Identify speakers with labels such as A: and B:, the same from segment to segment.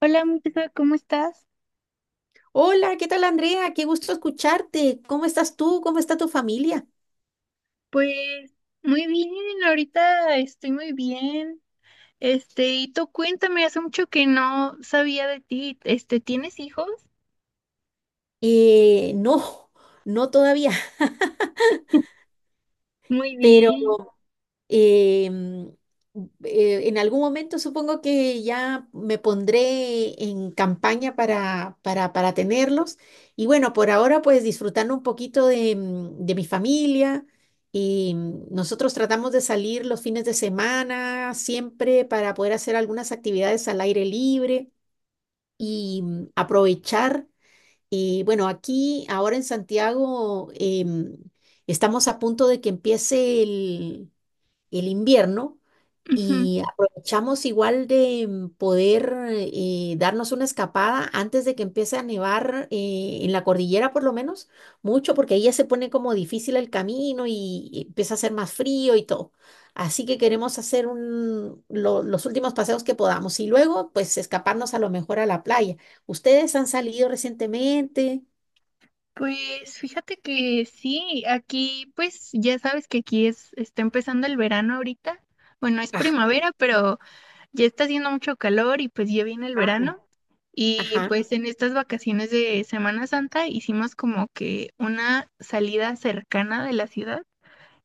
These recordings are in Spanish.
A: Hola, Montserrat, ¿cómo estás?
B: Hola, ¿qué tal Andrea? Qué gusto escucharte. ¿Cómo estás tú? ¿Cómo está tu familia?
A: Pues muy bien, ahorita estoy muy bien. Y tú cuéntame, hace mucho que no sabía de ti. ¿Tienes hijos?
B: No, no todavía,
A: Muy
B: pero
A: bien.
B: eh, mm, en algún momento supongo que ya me pondré en campaña para tenerlos. Y bueno, por ahora pues disfrutando un poquito de mi familia. Y nosotros tratamos de salir los fines de semana siempre para poder hacer algunas actividades al aire libre. Y aprovechar. Bueno, aquí ahora en Santiago estamos a punto de que empiece el invierno
A: Ujú.
B: y aprovechamos igual de poder darnos una escapada antes de que empiece a nevar en la cordillera, por lo menos, mucho, porque ahí ya se pone como difícil el camino y empieza a hacer más frío y todo. Así que queremos hacer un, los últimos paseos que podamos y luego, pues, escaparnos a lo mejor a la playa. ¿Ustedes han salido recientemente?
A: Pues fíjate que sí, aquí pues ya sabes que aquí es, está empezando el verano ahorita. Bueno, es
B: Ajá,
A: primavera, pero ya está haciendo mucho calor y pues ya viene el verano. Y
B: ajá,
A: pues en estas vacaciones de Semana Santa hicimos como que una salida cercana de la ciudad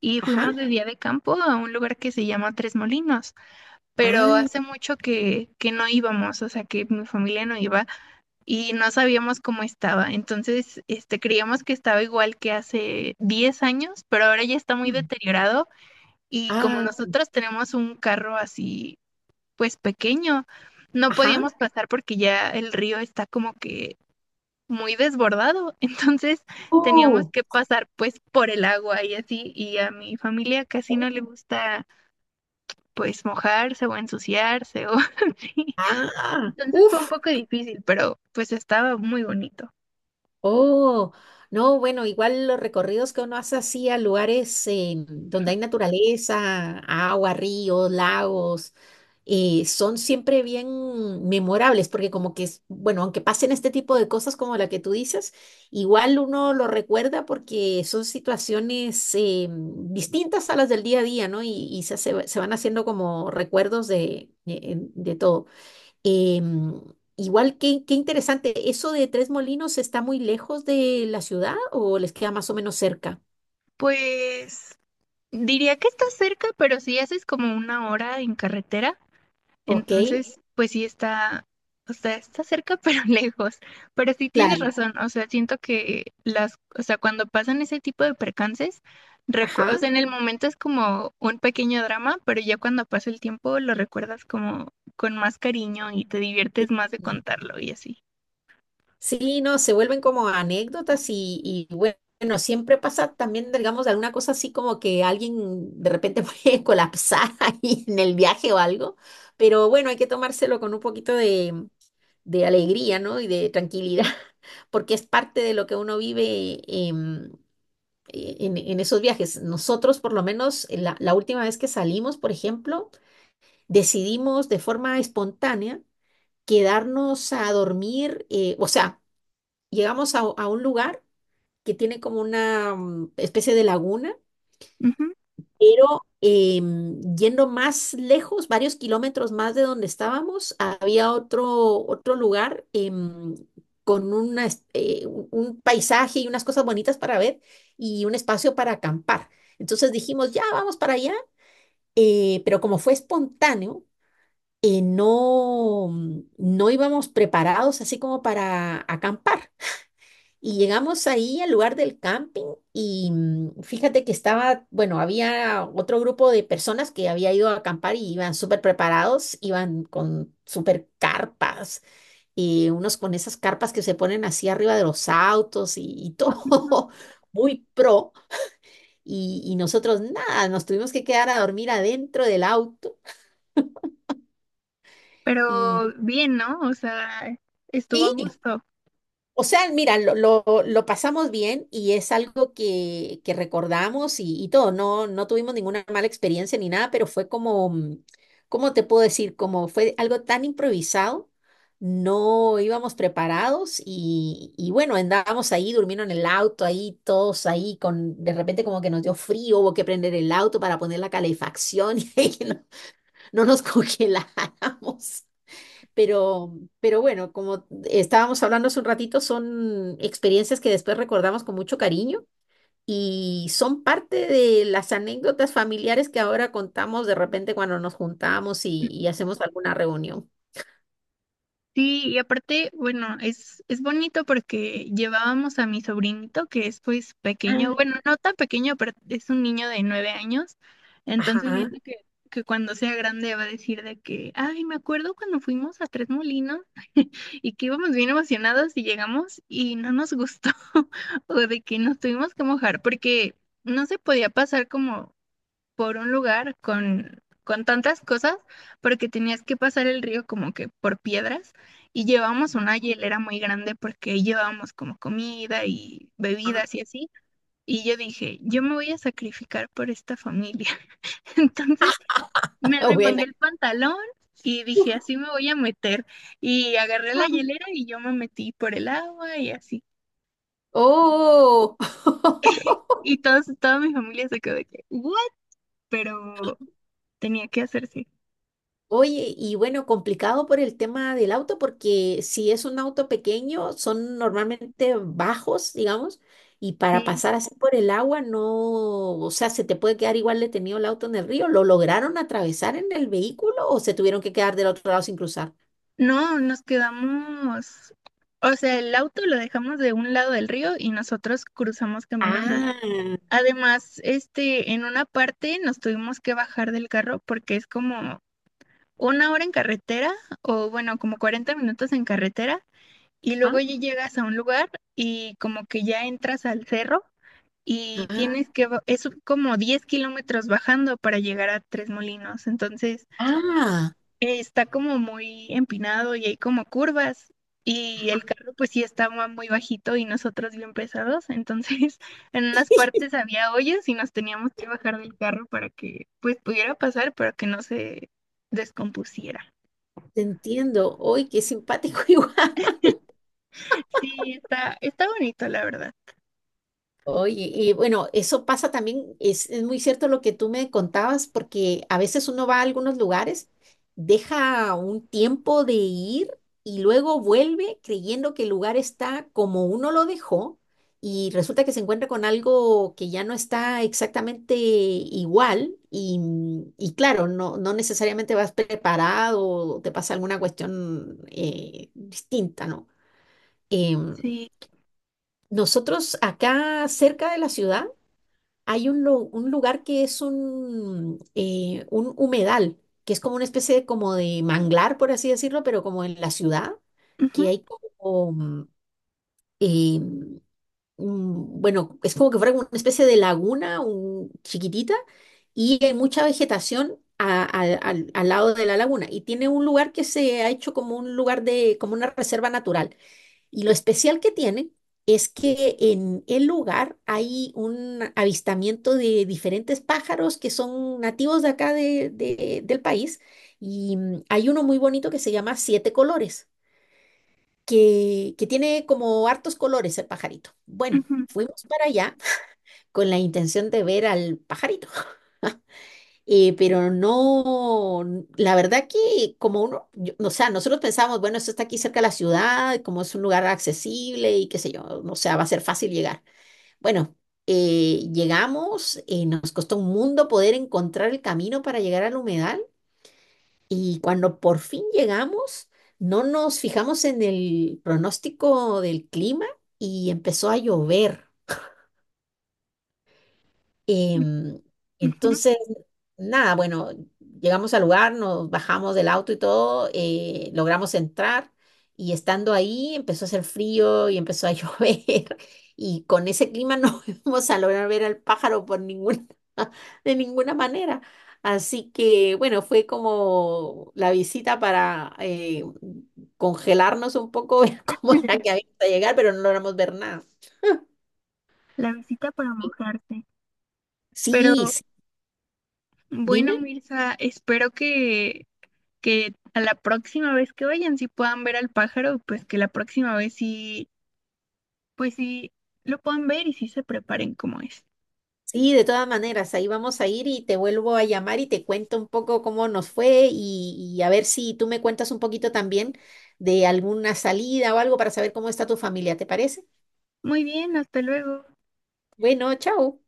A: y
B: ajá.
A: fuimos de día de campo a un lugar que se llama Tres Molinos, pero
B: Ah,
A: hace mucho que no íbamos, o sea que mi familia no iba y no sabíamos cómo estaba. Entonces, creíamos que estaba igual que hace 10 años, pero ahora ya está muy deteriorado y como
B: ah,
A: nosotros tenemos un carro así pues pequeño. No
B: ajá.
A: podíamos pasar porque ya el río está como que muy desbordado, entonces teníamos
B: Oh.
A: que pasar pues por el agua y así, y a mi familia casi no le gusta pues mojarse o ensuciarse o así.
B: Ah,
A: Entonces fue un
B: uff.
A: poco difícil, pero pues estaba muy bonito.
B: Oh, no, bueno, igual los recorridos que uno hace así a lugares donde hay naturaleza, agua, ríos, lagos, son siempre bien memorables, porque como que, bueno, aunque pasen este tipo de cosas como la que tú dices, igual uno lo recuerda porque son situaciones distintas a las del día a día, ¿no? Y se, se van haciendo como recuerdos de, de todo. Em, Igual, qué, qué interesante. ¿Eso de Tres Molinos está muy lejos de la ciudad o les queda más o menos cerca?
A: Pues diría que está cerca, pero si haces como una hora en carretera.
B: Ok,
A: Entonces, pues sí está, o sea, está cerca pero lejos. Pero sí tienes
B: claro.
A: razón, o sea, siento que las, o sea, cuando pasan ese tipo de percances, o
B: Ajá.
A: sea, en el momento es como un pequeño drama, pero ya cuando pasa el tiempo lo recuerdas como con más cariño y te
B: Sí,
A: diviertes más de contarlo y así.
B: sí, no, se vuelven como anécdotas y bueno, siempre pasa también, digamos, alguna cosa así como que alguien de repente puede colapsar ahí en el viaje o algo, pero bueno, hay que tomárselo con un poquito de alegría, ¿no? Y de tranquilidad, porque es parte de lo que uno vive. En esos viajes, nosotros, por lo menos, en la última vez que salimos, por ejemplo, decidimos de forma espontánea quedarnos a dormir. O sea, llegamos a un lugar que tiene como una especie de laguna,
A: Ujú.
B: pero yendo más lejos, varios kilómetros más de donde estábamos, había otro, otro lugar con una un paisaje y unas cosas bonitas para ver y un espacio para acampar. Entonces dijimos, ya vamos para allá, pero como fue espontáneo, no, no íbamos preparados así como para acampar. Y llegamos ahí al lugar del camping y fíjate que estaba, bueno, había otro grupo de personas que había ido a acampar y iban súper preparados, iban con súper carpas, y unos con esas carpas que se ponen así arriba de los autos y todo muy pro. Y nosotros nada, nos tuvimos que quedar a dormir adentro del auto y
A: Pero bien, ¿no? O sea, estuvo a
B: sí.
A: gusto.
B: O sea, mira, lo pasamos bien y es algo que recordamos y todo. No, no tuvimos ninguna mala experiencia ni nada, pero fue como, ¿cómo te puedo decir? Como fue algo tan improvisado, no íbamos preparados y bueno, andábamos ahí, durmiendo en el auto, ahí todos ahí, con de repente como que nos dio frío, hubo que prender el auto para poner la calefacción y que no, no nos congeláramos. Pero, pero bueno, como estábamos hablando hace un ratito, son experiencias que después recordamos con mucho cariño y son parte de las anécdotas familiares que ahora contamos de repente cuando nos juntamos y hacemos alguna reunión.
A: Sí, y aparte, bueno, es bonito porque llevábamos a mi sobrinito, que es pues pequeño,
B: Ah,
A: bueno, no tan pequeño, pero es un niño de 9 años, entonces
B: ajá,
A: siento que cuando sea grande va a decir de que, ay, me acuerdo cuando fuimos a Tres Molinos y que íbamos bien emocionados y llegamos y no nos gustó, o de que nos tuvimos que mojar, porque no se podía pasar como por un lugar con tantas cosas, porque tenías que pasar el río como que por piedras y llevábamos una hielera muy grande porque llevábamos como comida y
B: ah,
A: bebidas y así. Y yo dije, yo me voy a sacrificar por esta familia. Entonces me
B: buena.
A: remangué el pantalón y dije, así me voy a meter. Y agarré la hielera y yo me metí por el agua y así. Y,
B: Oh,
A: y todos, toda mi familia se quedó de que, ¿what? Pero tenía que hacerse.
B: oye, y bueno, complicado por el tema del auto, porque si es un auto pequeño, son normalmente bajos, digamos, y para
A: Sí.
B: pasar así por el agua, no, o sea, se te puede quedar igual detenido el auto en el río. ¿Lo lograron atravesar en el vehículo o se tuvieron que quedar del otro lado sin cruzar?
A: No, nos quedamos, o sea, el auto lo dejamos de un lado del río y nosotros cruzamos caminando.
B: Ah,
A: Además, en una parte nos tuvimos que bajar del carro porque es como una hora en carretera o bueno, como 40 minutos en carretera y
B: ah,
A: luego ya llegas a un lugar y como que ya entras al cerro y
B: ah,
A: tienes que es como 10 kilómetros bajando para llegar a Tres Molinos. Entonces
B: ah,
A: está como muy empinado y hay como curvas y el carro pues sí estaba muy bajito y nosotros bien pesados, entonces en unas partes había hoyos y nos teníamos que bajar del carro para que pues pudiera pasar, pero que no se descompusiera.
B: te entiendo. Uy, qué simpático igual.
A: Sí, está, está bonito, la verdad.
B: Oye, y bueno, eso pasa también, es muy cierto lo que tú me contabas, porque a veces uno va a algunos lugares, deja un tiempo de ir y luego vuelve creyendo que el lugar está como uno lo dejó y resulta que se encuentra con algo que ya no está exactamente igual y claro, no, no necesariamente vas preparado o te pasa alguna cuestión distinta, ¿no? Em,
A: Sí.
B: Nosotros acá cerca de la ciudad, hay un, un lugar que es un humedal, que es como una especie de, como de manglar, por así decirlo, pero como en la ciudad,
A: Ujú,
B: que hay como, eh, bueno, es como que fuera como una especie de laguna chiquitita y hay mucha vegetación a- al lado de la laguna y tiene un lugar que se ha hecho como un lugar de, como una reserva natural. Y lo especial que tienen es que en el lugar hay un avistamiento de diferentes pájaros que son nativos de acá del país. Y hay uno muy bonito que se llama Siete Colores, que tiene como hartos colores el pajarito. Bueno,
A: ujú,
B: fuimos para allá con la intención de ver al pajarito. Pero no, la verdad que como uno, o sea, nosotros pensamos, bueno, esto está aquí cerca de la ciudad, como es un lugar accesible y qué sé yo, o sea, va a ser fácil llegar. Bueno, llegamos, nos costó un mundo poder encontrar el camino para llegar al humedal y cuando por fin llegamos, no nos fijamos en el pronóstico del clima y empezó a llover.
A: ujú,
B: Em,
A: ujú.
B: entonces, nada, bueno, llegamos al lugar, nos bajamos del auto y todo, logramos entrar y estando ahí empezó a hacer frío y empezó a llover y con ese clima no íbamos a lograr ver al pájaro por ninguna, de ninguna manera. Así que, bueno, fue como la visita para congelarnos un poco, ver cómo era que habíamos a llegar, pero no logramos ver nada.
A: La visita para mojarte. Pero
B: Sí, sí,
A: bueno,
B: dime.
A: Mirza, espero que a la próxima vez que vayan, si puedan ver al pájaro, pues que la próxima vez sí, pues sí lo puedan ver y sí se preparen como es.
B: Sí, de todas maneras, ahí vamos a ir y te vuelvo a llamar y te cuento un poco cómo nos fue y a ver si tú me cuentas un poquito también de alguna salida o algo para saber cómo está tu familia, ¿te parece?
A: Muy bien, hasta luego.
B: Bueno, chao.